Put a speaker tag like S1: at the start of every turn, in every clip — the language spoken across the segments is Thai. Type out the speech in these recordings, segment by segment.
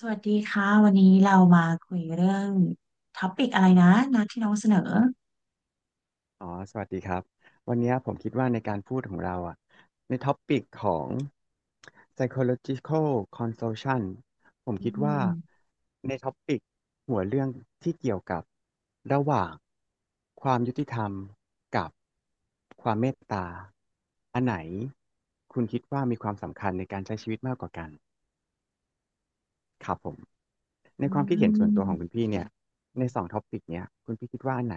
S1: สวัสดีค่ะวันนี้เรามาคุยเรื่องท็อปิกอะไรนะนัดที่น้องเสนอ
S2: อ๋อสวัสดีครับวันนี้ผมคิดว่าในการพูดของเราอ่ะในท็อปิกของ psychological consultation ผม
S1: อื
S2: คิดว่า
S1: ม
S2: ในท็อปิกหัวเรื่องที่เกี่ยวกับระหว่างความยุติธรรมกับความเมตตาอันไหนคุณคิดว่ามีความสำคัญในการใช้ชีวิตมากกว่ากัน ครับผมใน
S1: อื
S2: ความคิดเห็นส่วนตัวของคุณ
S1: ม
S2: พี่เนี่ยในสองท็อปิกเนี่ยคุณพี่คิดว่าอันไหน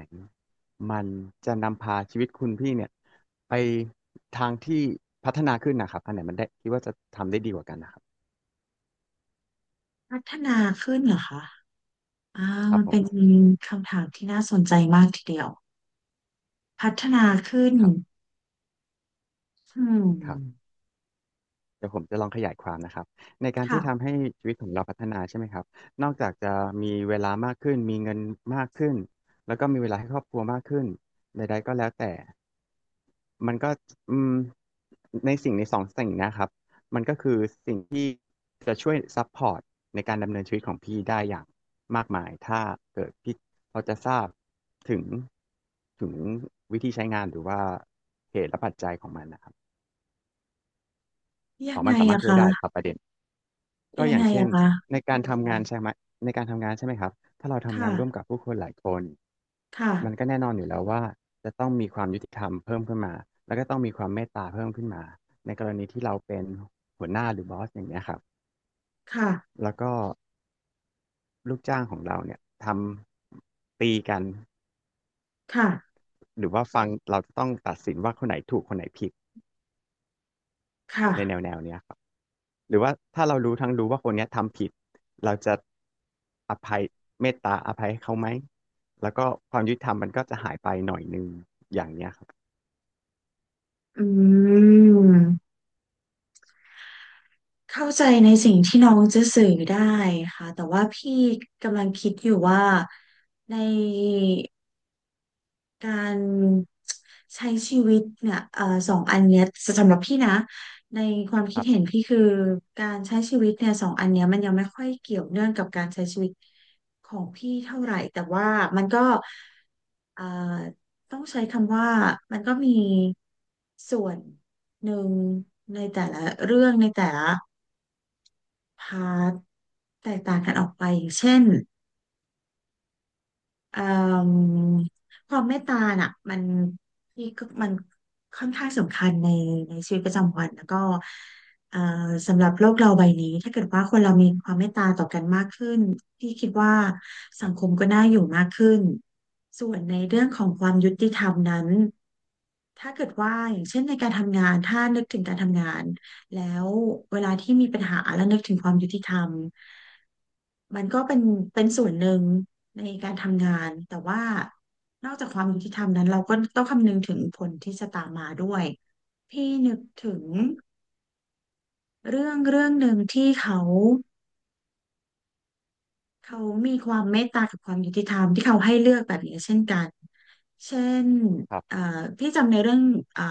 S2: มันจะนำพาชีวิตคุณพี่เนี่ยไปทางที่พัฒนาขึ้นนะครับอันไหนมันได้คิดว่าจะทำได้ดีกว่ากันนะครับ
S1: พัฒนาขึ้นเหรอคะอ่า
S2: ครั
S1: มั
S2: บ
S1: น
S2: ผ
S1: เป็น
S2: ม
S1: คำถามที่น่าสนใจมากทีเดียวพัฒนาขึ้น
S2: ครับ
S1: อืม
S2: ครับเดี๋ยวผมจะลองขยายความนะครับในการ
S1: ค่ะ
S2: ที่ทำให้ชีวิตของเราพัฒนาใช่ไหมครับนอกจากจะมีเวลามากขึ้นมีเงินมากขึ้นแล้วก็มีเวลาให้ครอบครัวมากขึ้นใดๆก็แล้วแต่ มันก็อืมในสิ่งในสองสิ่งเนะครับมันก็คือสิ่งที่จะช่วยซัพพอร์ตในการดำเนินชีวิตของพี่ได้อย่างมากมายถ้าเกิดพี่เขาจะทราบถึงถึงวิธีใช้งานหรือว่าเหตุและปัจจัยของมันนะครับ
S1: ยั
S2: อ๋
S1: ง
S2: อ
S1: ไง
S2: มันสามารถ
S1: อะ
S2: ช่วยได้ค
S1: คะ
S2: รับประเด็น ก็
S1: ยั
S2: อ
S1: ง
S2: ย่า
S1: ไง
S2: งเช่
S1: อะ
S2: น
S1: คะ
S2: ในการทำงานใช่ไหมในการทำงานใช่ไหมครับถ้าเราทำงานร่วมกับ
S1: ค่ะ
S2: ผู้คนหลายคนมันก็
S1: ค่ะ
S2: แน่นอนอยู่แล้วว่าจะต้องมีความยุติธรรมเพิ่มขึ้นมาแล้วก็ต้องมีความเมตตาเพิ่มขึ้นมาในกรณีที่เราเป็นหัวหน้าหรือบอสอย่างเงี้ยครับ
S1: ค่ะ
S2: แล้วก็ลูกจ้างของเราเนี่ยทำตีกัน
S1: ค่ะ
S2: หรือว่าฟังเราจะต้องตัดสินว่าคนไหนถูกคนไหนผิด
S1: ค่ะ
S2: ในแนวแนวเนี้ยครับ หรือว่าถ้าเรารู้ทั้งรู้ว่าคนเนี้ยทำผิดเราจะอภัยเมตตาอภัยให้เขาไหมแล้วก็ความยุติธรรมมันก็จะหายไปหน่อยนึงอย่างเนี้ยครับ
S1: อืมเข้าใจในสิ่งที่น้องจะสื่อได้ค่ะแต่ว่าพี่กำลังคิดอยู่ว่าใน การใช้ชีวิตเนี่ยสองอันเนี้ยสำหรับพี่นะในความ
S2: ค
S1: คิด
S2: รั
S1: เห็น
S2: บ
S1: พี่คือการใช้ชีวิตเนี่ยสองอันเนี้ยมันยังไม่ค่อยเกี่ยวเนื่องกับการใช้ชีวิตของพี่เท่าไหร่แต่ว่ามันก็เอ่อต้องใช้คำว่ามันก็มีส่วนหนึ่งในแต่ละเรื่องในแต่ละพาร์ทแตกต่างกันออกไปอย่างเช่น เอ่มความเมตตาน่ะมันพี่ก็มันค่อนข้างสำคัญในชีวิตประจำวันแล้วก็เอ่อสำหรับโลกเราใบนี้ถ้าเกิดว่าคนเรามีความเมตตาต่อกันมากขึ้นพี่คิดว่า
S2: ค
S1: สั
S2: รั
S1: งคม
S2: บ
S1: ก็น่าอยู่มากขึ้นส่วนในเรื่องของความยุติธรรมนั้น ถ้าเกิดว่าอย่างเช่นในการทำงานถ้านึกถึงการทำงานแล้วเวลาที่มีปัญหาแล้วนึกถึงความยุติธรรมมันก็เป็นส่วนหนึ่งในการทำงานแต่ว่านอกจากความยุติธรรมนั้นเราก็ต้องคำนึงถึงผลที่จะตามมาด้วยพี่นึกถึงเรื่องเรื่องหนึ่งที่เขา เขามีความเมตตากับความยุติธรรมที่เขาให้เลือกแบบนี้เช่นกัน เช่น
S2: ครั
S1: เอ่
S2: บ
S1: อพี่จำในเรื่องเอ่อ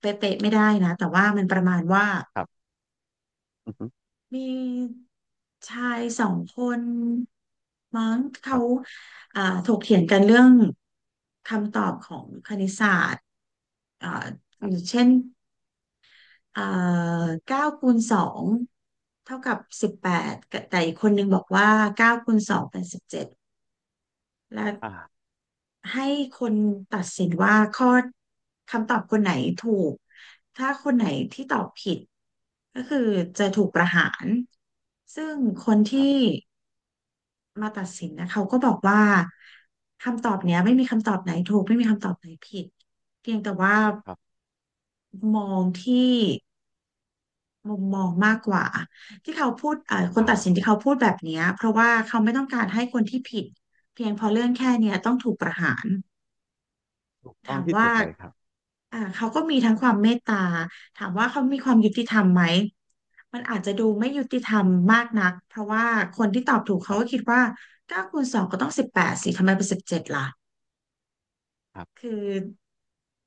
S1: เป๊ะๆไม่ได้นะ แต่ว่ามันประมาณว่า
S2: ครับอือฮึ
S1: มีชายสองคนมั้ง
S2: ค
S1: เขา
S2: รับ
S1: เอ่อถกเถียงกันเรื่องคำตอบของคณิตศาสตร์เอ่อ
S2: ค
S1: อ
S2: รั
S1: ย่าง
S2: บ
S1: เช่นเอ่อเก้าคูณสองเท่ากับสิบแปดแต่อีกคนนึงบอกว่าเก้าคูณสองเป็นสิบเจ็ดและ
S2: อ่า
S1: ให้คนตัดสินว่าข้อคำตอบคนไหนถูก ถ้าคนไหนที่ตอบผิดก็คือจะถูกประหาร ซึ่งคน
S2: ครับ
S1: ที่มาตัดสินนะเขาก็บอกว่าคำตอบเนี้ยไม่มีคำตอบไหนถูกไม่มีคำตอบไหนผิด เพียงแต่ว่า
S2: ครับ
S1: มองที่มุมมองมากกว่าที่เขาพูดคน
S2: ว้า
S1: ตัด
S2: ว
S1: สินที่เขาพูดแบบเนี้ยเพราะว่าเขาไม่ต้องการให้คนที่ผิดเพียงเพอเรื่องแค่เนี้ยต้องถูกประหาร
S2: ถูกต้อ
S1: ถา
S2: ง
S1: ม
S2: ที่
S1: ว่า
S2: สุดเลยครับ
S1: เขาก็มีทั้งความเมตตาถามว่าเขามีความยุติธรรมไหมมันอาจจะดูไม่ยุติธรรมมากนักเพราะว่าคนที่ตอบถูก
S2: ค
S1: เขา
S2: รั
S1: ก็คิ
S2: บ
S1: ดว่าเก้าคูณสองก็ต้องสิบแปดสิทำไมเป็นสิบเจ็ดล่ะ
S2: ครับ
S1: คือ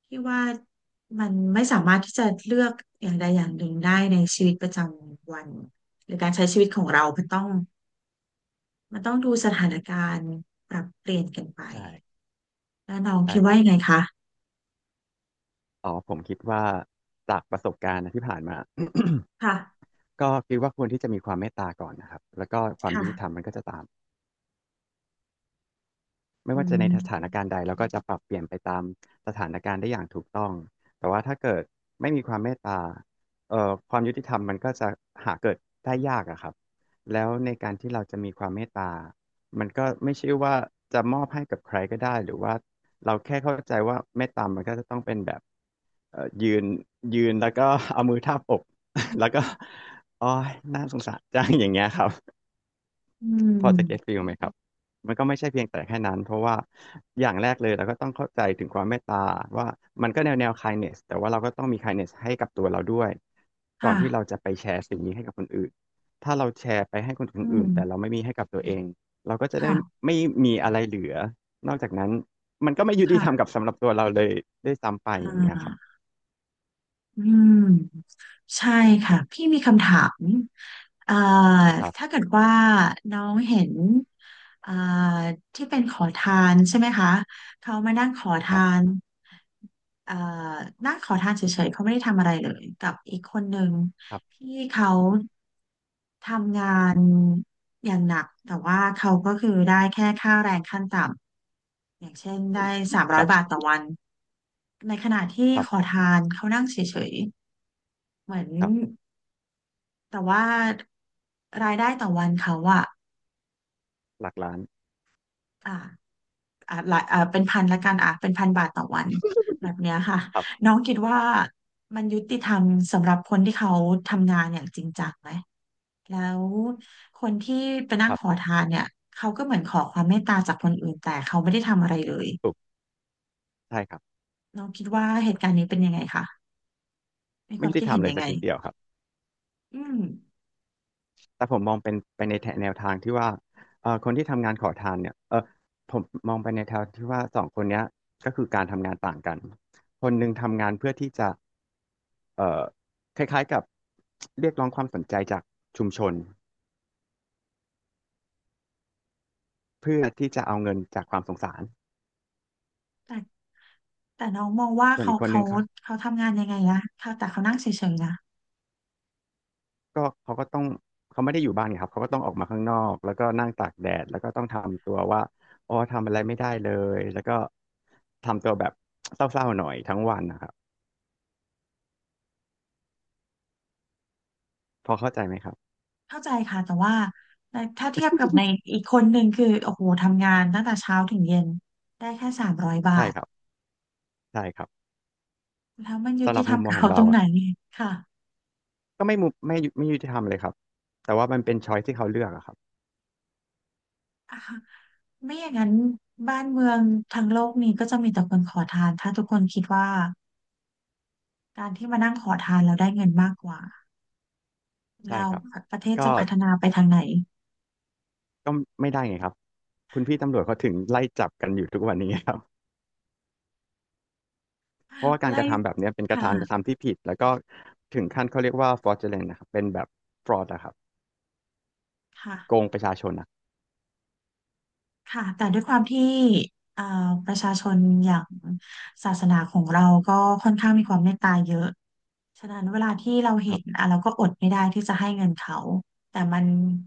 S1: ที่ว่ามันไม่สามารถที่จะเลือกอย่างใดอย่างหนึ่งได้ในชีวิตประจำวันหรือการใช้ชีวิตของเรามันต้องดูสถานการณ์ปรับเปลี่ยนกันไป
S2: ใช่
S1: แล้วน้อง
S2: ใช่
S1: คิด
S2: ค
S1: ว่า
S2: รับ
S1: ยังไงคะ
S2: อ๋อผมคิดว่าจากประสบการณ์นะที่ผ่านมา
S1: ค่ะ
S2: ก็คิดว่าควรที่จะมีความเมตตาก่อนนะครับแล้วก็ความยุติธรรม
S1: ค่ะ
S2: มันก็จะตาม ไม่
S1: อื
S2: ว่าจะใน
S1: ม
S2: สถานการณ์ใดเราก็จะปรับเปลี่ยนไปตามสถานการณ์ได้อย่างถูกต้องแต่ว่าถ้าเกิดไม่มีความเมตตาความยุติธรรมมันก็จะหาเกิดได้ยากอะครับแล้วในการที่เราจะมีความเมตตามันก็ไม่ใช่ว่าจะมอบให้กับใครก็ได้หรือว่าเราแค่เข้าใจว่าเมตตามันก็จะต้องเป็นแบบยืนแล้วก็ เอามือทาบอก แล้วก็อ๋อยน่าสงสารจังอย่างเงี้ยครับ
S1: อื
S2: พอจะเก็ต
S1: ม
S2: ฟีลไหมครับมันก็ไม่ใช่เพียงแต่แค่นั้น เพราะว่าอย่างแรกเลยเราก็ต้องเข้าใจถึงความเมตตาว่ามันก็แนวแนว kindness แต่ว่าเราก็ต้องมี kindness ให้กับตัวเราด้วยก่อ
S1: ค่ะ
S2: นที่เราจะไปแชร์สิ่งนี้ให้กับคนอื่นถ้าเราแชร์ไปให้คนอ
S1: อื
S2: ื่น
S1: ม
S2: แต่เราไม่มีให้กับตัวเองเราก็จะได้
S1: ค่ะ
S2: ไม่มีอะไรเหลือ นอกจากนั้นมันก็ไม่ยุติธรรม
S1: ค่ะ
S2: กับสำหรับตัวเราเลยด้วยซ้ำไป
S1: อ่
S2: อย่างเงี้ยครับ
S1: าอืมใช่ค่ะ พี่มีคำถามเอ่อ
S2: ครั
S1: ถ้า
S2: บ
S1: เกิดว่าน้องเห็นเอ่อที่เป็นขอทานใช่ไหมคะ เขามานั่งขอ
S2: ค
S1: ทา
S2: รั
S1: น
S2: บ
S1: เอ่อนั่งขอทานเฉยๆ เขาไม่ได้ทำอะไรเลยกับอีกคนหนึ่ง
S2: ครับ
S1: ที่เขาทำงานอย่างหนัก แต่ว่าเขาก็คือได้แค่ค่าแรงขั้นต่ำ อย่างเช่นได้สาม
S2: ค
S1: ร้อย
S2: รั
S1: บาท
S2: บ
S1: ต่อวัน ในขณะที่
S2: ครั
S1: ขอ
S2: บ
S1: ทานเขานั่งเฉยๆเหมือน
S2: ครับ
S1: แต่ว่ารายได้ต่อวันเขาอะ
S2: หลักล้าน
S1: อ่าอ่าหลายอ่าเป็นพันละกันอ่ะเป็นพันบาทต่อวันแบบเนี้ยค่ะ
S2: ครับ
S1: น้องคิดว่ามันยุติธรรมสำหรับคนที่เขาทำงานอย่างจริงจังไหมแล้วคนที่ไปนั่
S2: ค
S1: ง
S2: รั
S1: ขอ
S2: บ
S1: ทานเนี่ยเขาก็เหมือนขอความเมตตาจากคนอื่นแต่เขาไม่ได้ทำอะไรเลย
S2: ถูกใช่ครับ
S1: น้องคิดว่าเหตุการณ์นี้เป็นยังไงคะมีค
S2: ไม่
S1: วาม
S2: ยุติ
S1: คิด
S2: ธรร
S1: เห็
S2: ม
S1: น
S2: เลย
S1: ยัง
S2: สั
S1: ไง
S2: กนิดเดียวครับ
S1: อืม
S2: แต่ผมมองเป็นไปในแนวทางที่ว่าคนที่ทำงานขอทานเนี่ยผมมองไปในแนวที่ว่าสองคนเนี้ยก็คือการทำงานต่างกันคนหนึ่งทำงานเพื่อที่จะเอ่อคล้ายๆกับเรียกร้องความสนใจจากชุมชนเพื่อที่จะเอาเงินจากความสงสาร
S1: แต่ น้องมองว่า
S2: ส่วนอีกคนนึงเขา
S1: เขาทำงานยังไงนะเขาแต่เขานั่งเฉยๆนะ
S2: ก็ต้องเขาไม่ได้อยู่บ้านไงครับเขาก็ต้องออกมาข้างนอกแล้วก็นั่งตากแดดแล้วก็ต้องทำตัวว่าอ๋อทำอะไรไม่ได้เลยแล้วก็ทำตัวแบบเศร้าๆหน่อยทั้งวันนะครับพอเข้าใจไหมครับ
S1: เข้าใจค่ะแต่ว่าในถ้าเทียบกับในอีกคนหนึ่งคือโอ้โหทำงานตั้งแต่เช้าถึงเย็นได้แค่สามร้อยบา
S2: ใช่
S1: ท
S2: ครับ ใช่ครับ
S1: แล้วมันยุ
S2: สำห
S1: ติ
S2: รับ
S1: ธร
S2: มุ
S1: รม
S2: มมอ
S1: กับ
S2: งของ
S1: เขาต
S2: เรา
S1: รงไห
S2: อ่ะ
S1: นค่ะ
S2: ก็ไม่มุมไม่ยุไม่ยุติธรรมเลยครับแต่ว่ามันเป็นช้อยที่เขาเลือกอะครับ
S1: อ่ะ ไม่อย่างนั้นบ้านเมืองทั้งโลกนี้ก็จะมีแต่คนขอทานถ้าทุกคนคิดว่าการที่มานั่งขอทานแล้วได้เงินมากกว่า
S2: ใช่
S1: แล้ว
S2: ครับ
S1: ประเทศ
S2: ก็
S1: จะพัฒนาไปทางไหน
S2: ก็ไม่ได้ไงครับคุณพี่ตำรวจเขาถึงไล่จับกันอยู่ทุกวันนี้ครับ เพราะ ว่าการ
S1: ไล่
S2: กระทำแบบเนี้ยเป็น
S1: ค
S2: การกระ
S1: ่ะ
S2: ทำที่ผิดแล้วก็ถึงขั้นเขาเรียกว่า fraudulent นะครับเป็นแบบ fraud อะครับ
S1: ค่ะ
S2: โกงประชาชนนะ
S1: ค่ะแต่ด้วยความที่เอ่อประชาชนอย่างศาสนาของเราก็ค่อนข้างมีความเมตตาเยอะฉะนั้นเวลาที่เรา
S2: ค
S1: เห็
S2: รั
S1: น
S2: บ
S1: อ่ะเราก็อดไม่ได้ที่จะให้เงินเขาแต่มัน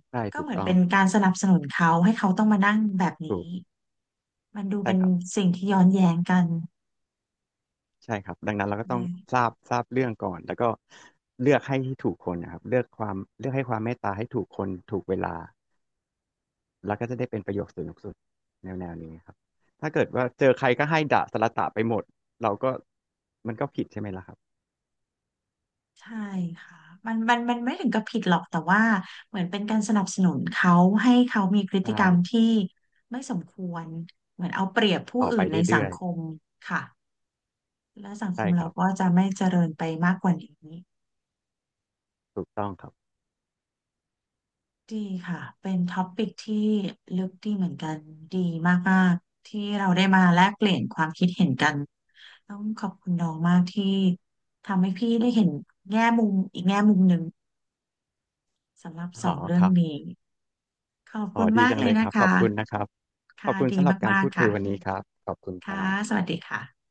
S2: ใช่
S1: ก็
S2: ถู
S1: เห
S2: ก
S1: มือน
S2: ต้อ
S1: เป็
S2: ง
S1: นการสนับสนุนเขาให้เขาต้องมานั่งแบบนี้
S2: ถูก
S1: มันดู
S2: ใช่
S1: เป็น
S2: ครับ
S1: สิ่งที่ย้อนแย้งกัน
S2: ใช่ครับดังนั้นเราก็
S1: เล
S2: ต้อง
S1: ย
S2: ทราบเรื่องก่อนแล้วก็เลือกให้ที่ถูกคนนะครับเลือกให้ความเมตตาให้ถูกคนถูกเวลา แล้วก็จะได้เป็นประโยคสนุกสุดแนวแนวนี้ครับถ้าเกิดว่าเจอใครก็ให้ด่าสละตะไปหมดเราก็มันก็ผิดใช่ไหมล่ะครับ
S1: ใช่ค่ะมันไม่ถึงกับผิดหรอกแต่ว่าเหมือนเป็นการสนับสนุนเขาให้เขามีพฤ
S2: ใช
S1: ติกรรม
S2: ่
S1: ที่ไม่สมควรเหมือนเอาเปรียบผู้
S2: ต่อ
S1: อื่
S2: ไป
S1: นในสัง
S2: เรื่อย
S1: คมค่ะและสัง
S2: ๆ
S1: ค
S2: ใช่
S1: ม
S2: ค
S1: เรา
S2: รับ
S1: ก็จะไม่เจริญไปมากกว่านี้
S2: ถูกต้องครับ
S1: ดีค่ะเป็นท็อปิกที่ลึกดีเหมือนกันดีมากๆที่เราได้มาแลกเปลี่ยนความคิดเห็นกันต้องขอบคุณน้องมากที่ทำให้พี่ได้เห็นแง่มุมอีกแง่มุมหนึ่ง สำหรับส
S2: อ๋
S1: อ
S2: อ
S1: งเรื่
S2: ค
S1: อง
S2: รับ
S1: นี้ขอบ
S2: อ๋
S1: คุ
S2: อ
S1: ณ
S2: ดี
S1: มาก
S2: จัง
S1: เล
S2: เล
S1: ย
S2: ยค
S1: นะ
S2: รับขอ
S1: คะ
S2: บคุณนะครับขอ
S1: ค่ะ
S2: บคุณ
S1: ดี
S2: สำหรับการ
S1: มาก
S2: พูด
S1: ๆ
S2: คุย
S1: ค่ะ
S2: วันนี้ครับขอบคุณค
S1: ค่ะ
S2: รับ
S1: สวัสดีค่ะ